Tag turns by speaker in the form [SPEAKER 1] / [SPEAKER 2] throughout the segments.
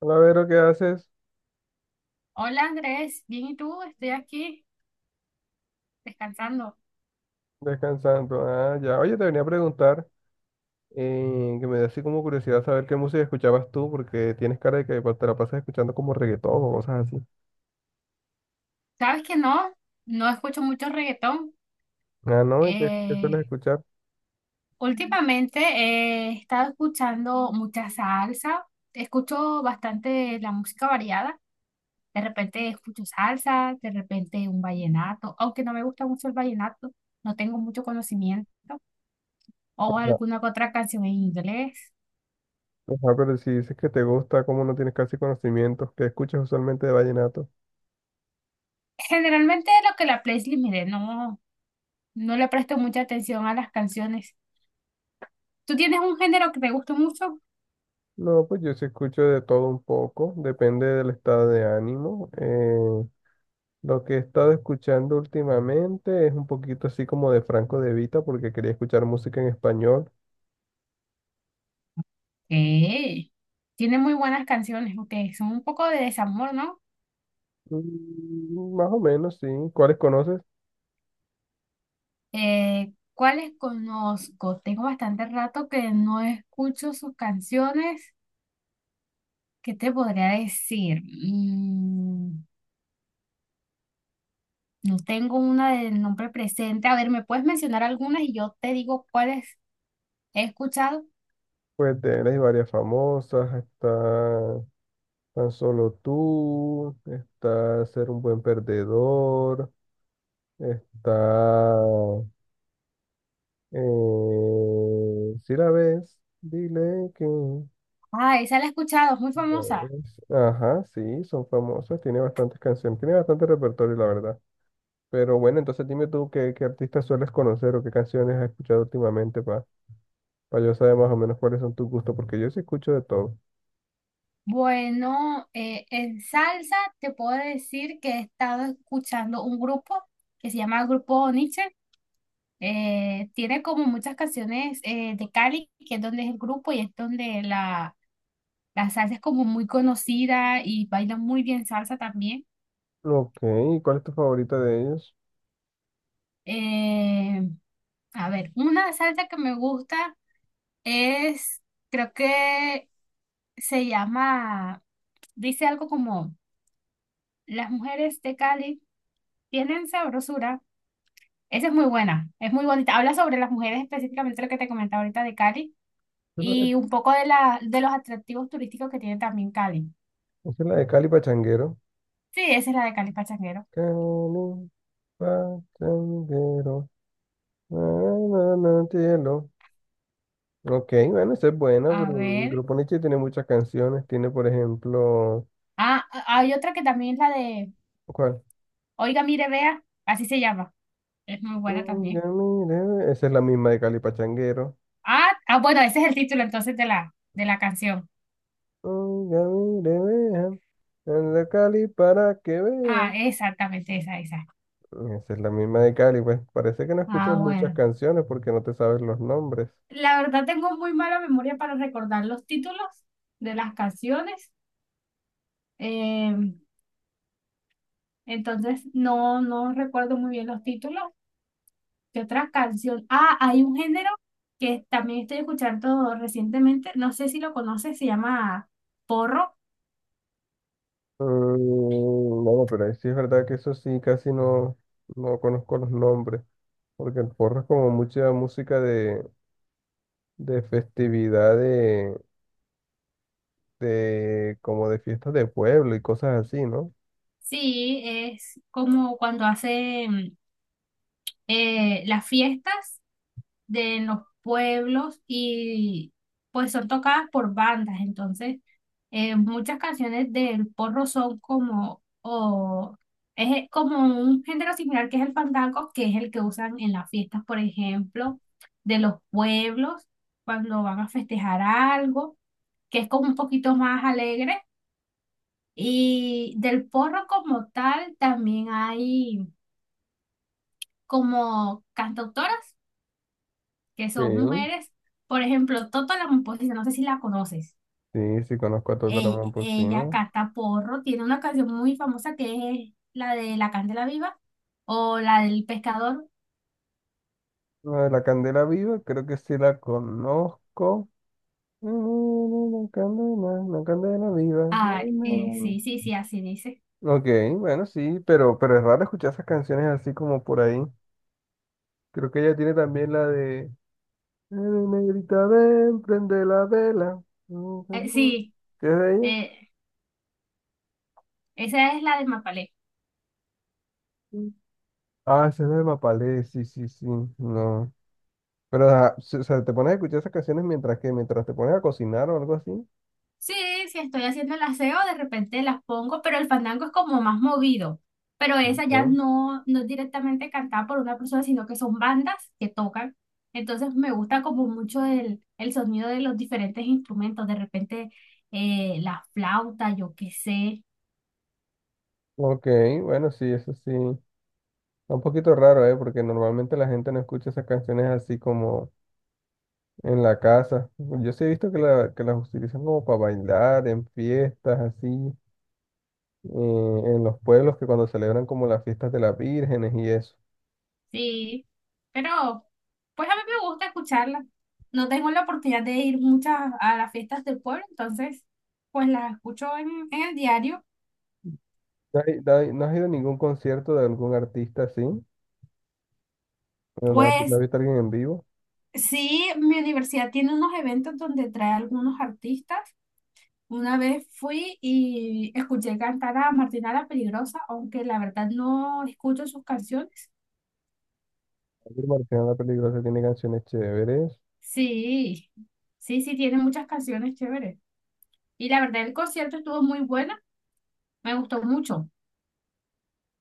[SPEAKER 1] Hola, Vero, ¿qué haces?
[SPEAKER 2] Hola Andrés, bien y tú, estoy aquí descansando.
[SPEAKER 1] Descansando. Ah, ya. Oye, te venía a preguntar, que me da así como curiosidad saber qué música escuchabas tú, porque tienes cara de que pues, te la pasas escuchando como reggaetón o cosas así.
[SPEAKER 2] ¿Sabes que no? No escucho mucho reggaetón.
[SPEAKER 1] Ah, ¿no? Y qué sueles
[SPEAKER 2] Eh,
[SPEAKER 1] escuchar?
[SPEAKER 2] Últimamente he estado escuchando mucha salsa, escucho bastante la música variada. De repente escucho salsa, de repente un vallenato, aunque no me gusta mucho el vallenato, no tengo mucho conocimiento, o
[SPEAKER 1] Ajá.
[SPEAKER 2] alguna que otra canción en inglés.
[SPEAKER 1] Ajá, pero si dices que te gusta, como no tienes casi conocimientos, ¿qué escuchas usualmente de vallenato?
[SPEAKER 2] Generalmente lo que la playlist me dé, no, no le presto mucha atención a las canciones. ¿Tú tienes un género que te gusta mucho?
[SPEAKER 1] No, pues yo sí escucho de todo un poco, depende del estado de ánimo. Lo que he estado escuchando últimamente es un poquito así como de Franco De Vita, porque quería escuchar música en español.
[SPEAKER 2] Eh, tiene muy buenas canciones, aunque son un poco de desamor, ¿no?
[SPEAKER 1] Mm, más o menos, sí. ¿Cuáles conoces?
[SPEAKER 2] ¿Cuáles conozco? Tengo bastante rato que no escucho sus canciones. ¿Qué te podría decir? No tengo una de nombre presente. A ver, ¿me puedes mencionar algunas y yo te digo cuáles he escuchado?
[SPEAKER 1] Pues de él hay varias famosas. Está Tan Solo Tú, está Ser un Buen Perdedor, está... si la ves, dile que... la
[SPEAKER 2] Ah, esa la he escuchado, es muy famosa.
[SPEAKER 1] ves. Ajá, sí, son famosas. Tiene bastantes canciones, tiene bastante repertorio, la verdad. Pero bueno, entonces dime tú qué artistas sueles conocer o qué canciones has escuchado últimamente para yo saber más o menos cuáles son tus gustos, porque yo sí escucho de todo.
[SPEAKER 2] Bueno, en salsa te puedo decir que he estado escuchando un grupo que se llama Grupo Nietzsche. Tiene como muchas canciones de Cali, que es donde es el grupo y es donde la salsa es como muy conocida y baila muy bien salsa también.
[SPEAKER 1] Ok, ¿y cuál es tu favorita de ellos?
[SPEAKER 2] Eh, a ver, una salsa que me gusta es, creo que se llama, dice algo como, las mujeres de Cali tienen sabrosura. Esa es muy buena, es muy bonita. Habla sobre las mujeres, específicamente lo que te comentaba ahorita de Cali
[SPEAKER 1] Esa es la de,
[SPEAKER 2] y un poco de los atractivos turísticos que tiene también Cali.
[SPEAKER 1] esa es la de Cali Pachanguero.
[SPEAKER 2] Sí, esa es la de Cali Pachanguero.
[SPEAKER 1] Cali Pachanguero. Na, na, na, cielo. Ok, bueno, esa es buena,
[SPEAKER 2] A
[SPEAKER 1] pero el
[SPEAKER 2] ver.
[SPEAKER 1] grupo Nietzsche tiene muchas canciones. Tiene, por ejemplo,
[SPEAKER 2] Ah, hay otra que también es la de
[SPEAKER 1] ¿cuál?
[SPEAKER 2] Oiga, mire, vea, así se llama. Es muy buena
[SPEAKER 1] Oiga,
[SPEAKER 2] también.
[SPEAKER 1] mire, ve- esa es la misma de Cali Pachanguero.
[SPEAKER 2] Ah, ah, bueno, ese es el título entonces de de la canción.
[SPEAKER 1] Oiga, mire, vean. En la Cali para que
[SPEAKER 2] Ah,
[SPEAKER 1] vean.
[SPEAKER 2] exactamente, esa, esa.
[SPEAKER 1] Esa es la misma de Cali, pues parece que no escuchas
[SPEAKER 2] Ah,
[SPEAKER 1] muchas
[SPEAKER 2] bueno.
[SPEAKER 1] canciones porque no te sabes los nombres.
[SPEAKER 2] La verdad tengo muy mala memoria para recordar los títulos de las canciones. Em, Entonces, no, no recuerdo muy bien los títulos. ¿Qué otra canción? Ah, hay un género que también estoy escuchando recientemente. No sé si lo conoces, se llama porro.
[SPEAKER 1] Mm, no, pero ahí sí es verdad que eso sí, casi no, no conozco los nombres, porque el porro es como mucha música de festividad, de como de fiestas de pueblo y cosas así, ¿no?
[SPEAKER 2] Sí, es como cuando hacen las fiestas de los pueblos y pues son tocadas por bandas. Entonces, muchas canciones del porro son como, o es como un género similar que es el fandango, que es el que usan en las fiestas, por ejemplo, de los pueblos, cuando van a festejar algo, que es como un poquito más alegre. Y del porro como tal también hay como cantautoras que
[SPEAKER 1] Sí,
[SPEAKER 2] son mujeres. Por ejemplo, Toto la Momposina, no sé si la conoces.
[SPEAKER 1] sí, sí conozco a Toto
[SPEAKER 2] Ella,
[SPEAKER 1] Ramón
[SPEAKER 2] ella
[SPEAKER 1] Pocino.
[SPEAKER 2] canta porro, tiene una canción muy famosa que es la de La Candela Viva o la del pescador.
[SPEAKER 1] La de la Candela Viva, creo que sí la conozco. Mm, mm, mm, la candela, la candela viva.
[SPEAKER 2] Ah,
[SPEAKER 1] Na, na, na.
[SPEAKER 2] sí, sí, sí, así dice.
[SPEAKER 1] Ok, bueno, sí, pero es raro escuchar esas canciones así como por ahí. Creo que ella tiene también la de negrita, ven, prende la vela".
[SPEAKER 2] Sí,
[SPEAKER 1] ¿Qué es de ella?
[SPEAKER 2] eh, esa es la de Mapalé.
[SPEAKER 1] Ah, esa es de Mapalé, sí, sí, sí, no. Pero, ah, s- o sea, te pones a escuchar esas canciones mientras te pones a cocinar o algo así.
[SPEAKER 2] Sí, si estoy haciendo el aseo, de repente las pongo, pero el fandango es como más movido. Pero esa ya
[SPEAKER 1] Ujú.
[SPEAKER 2] no, no es directamente cantada por una persona, sino que son bandas que tocan. Entonces me gusta como mucho el sonido de los diferentes instrumentos, de repente la flauta, yo qué sé.
[SPEAKER 1] Ok, bueno, sí, eso sí. Está un poquito raro, ¿eh? Porque normalmente la gente no escucha esas canciones así como en la casa. Yo sí he visto que las utilizan como para bailar, en fiestas, así, y en los pueblos que cuando celebran como las fiestas de las vírgenes y eso.
[SPEAKER 2] Sí, pero pues a mí me gusta escucharla. No tengo la oportunidad de ir muchas a las fiestas del pueblo, entonces pues las escucho en el diario.
[SPEAKER 1] ¿No has ido a ningún concierto de algún artista así? ¿No has no has
[SPEAKER 2] Pues
[SPEAKER 1] visto a alguien en vivo?
[SPEAKER 2] sí, mi universidad tiene unos eventos donde trae algunos artistas. Una vez fui y escuché cantar a Martina la Peligrosa, aunque la verdad no escucho sus canciones.
[SPEAKER 1] Ángel Martínez La Peligrosa tiene canciones chéveres.
[SPEAKER 2] Sí, sí, sí, tiene muchas canciones chéveres. Y la verdad el concierto estuvo muy bueno, me gustó mucho.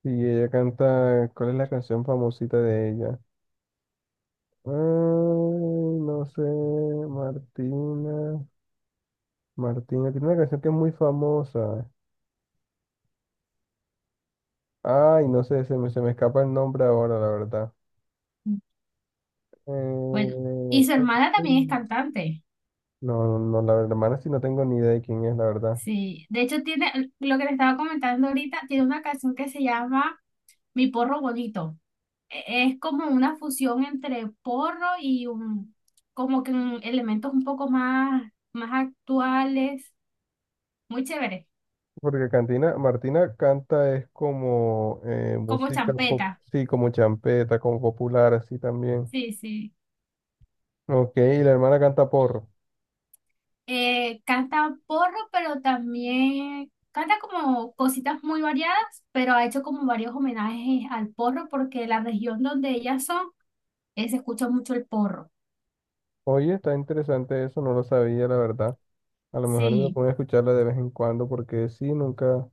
[SPEAKER 1] Y ella canta, ¿cuál es la canción famosita de ella? Ay, no sé, Martina. Martina, tiene una canción que es muy famosa. Ay, no sé, se me escapa el nombre ahora, la verdad.
[SPEAKER 2] Bueno,
[SPEAKER 1] Eh,
[SPEAKER 2] y su hermana también es cantante.
[SPEAKER 1] No, no, la hermana sí no tengo ni idea de quién es, la verdad.
[SPEAKER 2] Sí, de hecho tiene, lo que le estaba comentando ahorita, tiene una canción que se llama Mi Porro Bonito. Es como una fusión entre porro y como que elementos un poco más, más actuales, muy chévere,
[SPEAKER 1] Porque Cantina, Martina canta es como
[SPEAKER 2] como
[SPEAKER 1] música pop,
[SPEAKER 2] champeta,
[SPEAKER 1] sí, como champeta, como popular, así también.
[SPEAKER 2] sí, sí.
[SPEAKER 1] Ok, y la hermana canta porro.
[SPEAKER 2] Canta porro, pero también canta como cositas muy variadas, pero ha hecho como varios homenajes al porro porque la región donde ellas son, se escucha mucho el porro,
[SPEAKER 1] Oye, está interesante eso, no lo sabía, la verdad. A lo mejor me
[SPEAKER 2] sí.
[SPEAKER 1] pongo a escucharla de vez en cuando, porque sí, nunca.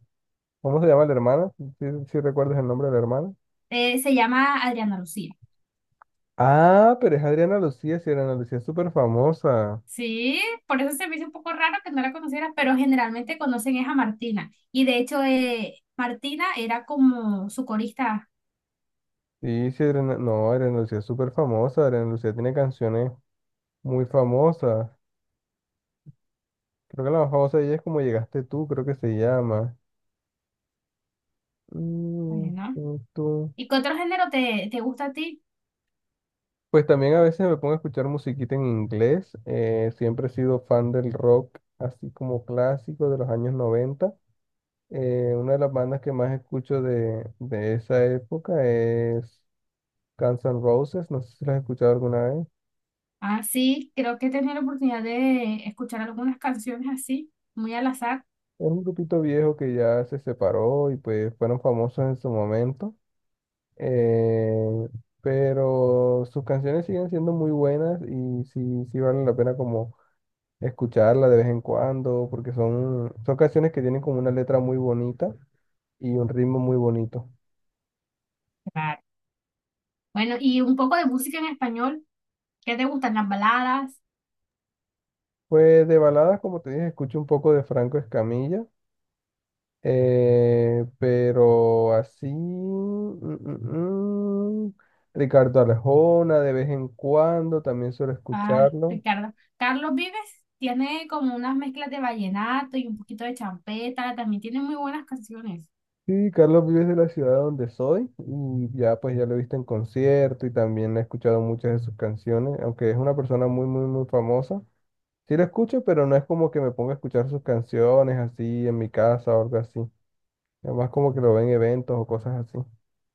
[SPEAKER 1] ¿Cómo se llama la hermana? ¿Sí, sí recuerdas el nombre de la hermana?
[SPEAKER 2] Se llama Adriana Lucía.
[SPEAKER 1] Ah, pero es Adriana Lucía, sí, Adriana Lucía es súper famosa.
[SPEAKER 2] Sí, por eso se me hizo un poco raro que no la conociera, pero generalmente conocen es a Martina. Y de hecho, Martina era como su corista,
[SPEAKER 1] Sí, sí, Adriana... no, Adriana Lucía es súper famosa, Adriana Lucía tiene canciones. Muy famosa. Creo que la más famosa de ella es Como llegaste tú, creo que se llama.
[SPEAKER 2] pues,
[SPEAKER 1] Mm,
[SPEAKER 2] ¿no?
[SPEAKER 1] tú, tú.
[SPEAKER 2] ¿Y qué otro género te gusta a ti?
[SPEAKER 1] Pues también a veces me pongo a escuchar musiquita en inglés. Siempre he sido fan del rock, así como clásico de los años noventa. Una de las bandas que más escucho de esa época es Guns N' Roses. No sé si las has escuchado alguna vez.
[SPEAKER 2] Ah, sí, creo que he tenido la oportunidad de escuchar algunas canciones así, muy al azar.
[SPEAKER 1] Es un grupito viejo que ya se separó y pues fueron famosos en su momento. eh, pero sus canciones siguen siendo muy buenas y sí, sí vale la pena como escucharla de vez en cuando, porque son canciones que tienen como una letra muy bonita y un ritmo muy bonito.
[SPEAKER 2] Claro. Bueno, y un poco de música en español. ¿Qué te gustan? Las baladas.
[SPEAKER 1] Pues de baladas, como te dije, escucho un poco de Franco Escamilla, pero así, mm, mm, mm, Ricardo Arjona de vez en cuando, también suelo
[SPEAKER 2] Ah,
[SPEAKER 1] escucharlo.
[SPEAKER 2] Ricardo. Carlos Vives tiene como unas mezclas de vallenato y un poquito de champeta. También tiene muy buenas canciones.
[SPEAKER 1] Sí, Carlos Vives de la ciudad donde soy y ya pues ya lo he visto en concierto y también he escuchado muchas de sus canciones, aunque es una persona muy muy muy famosa. Sí lo escucho, pero no es como que me ponga a escuchar sus canciones así en mi casa o algo así. Además como que lo veo en eventos o cosas así.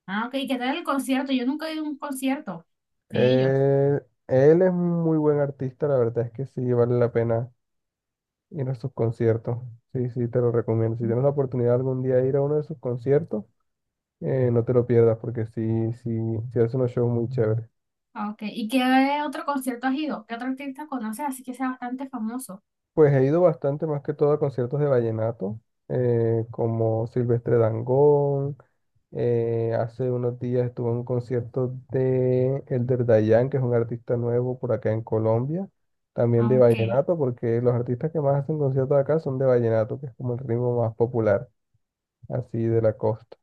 [SPEAKER 2] Ah, ok. ¿Qué tal el concierto? Yo nunca he ido a un concierto de ellos.
[SPEAKER 1] Eh, Él es un muy buen artista, la verdad es que sí vale la pena ir a sus conciertos. Sí, sí, te lo recomiendo. Si tienes la oportunidad algún día de ir a uno de sus conciertos, no te lo pierdas porque sí, sí, sí hace unos shows muy chéveres.
[SPEAKER 2] Ah, ok. ¿Y qué otro concierto has ido? ¿Qué otro artista conoces? Así que sea bastante famoso.
[SPEAKER 1] Pues he ido bastante más que todo a conciertos de vallenato, como Silvestre Dangond. Hace unos días estuve en un concierto de Elder Dayan, que es un artista nuevo por acá en Colombia, también
[SPEAKER 2] Ah,
[SPEAKER 1] de
[SPEAKER 2] ok.
[SPEAKER 1] vallenato, porque los artistas que más hacen conciertos acá son de vallenato, que es como el ritmo más popular, así de la costa.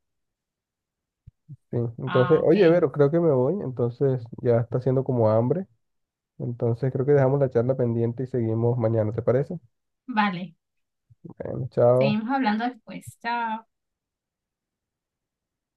[SPEAKER 1] Sí. Entonces,
[SPEAKER 2] Ah, ok.
[SPEAKER 1] oye, Vero, creo que me voy, entonces ya está haciendo como hambre, entonces creo que dejamos la charla pendiente y seguimos mañana, ¿te parece?
[SPEAKER 2] Vale.
[SPEAKER 1] Bueno, chao.
[SPEAKER 2] Seguimos hablando después. Chao.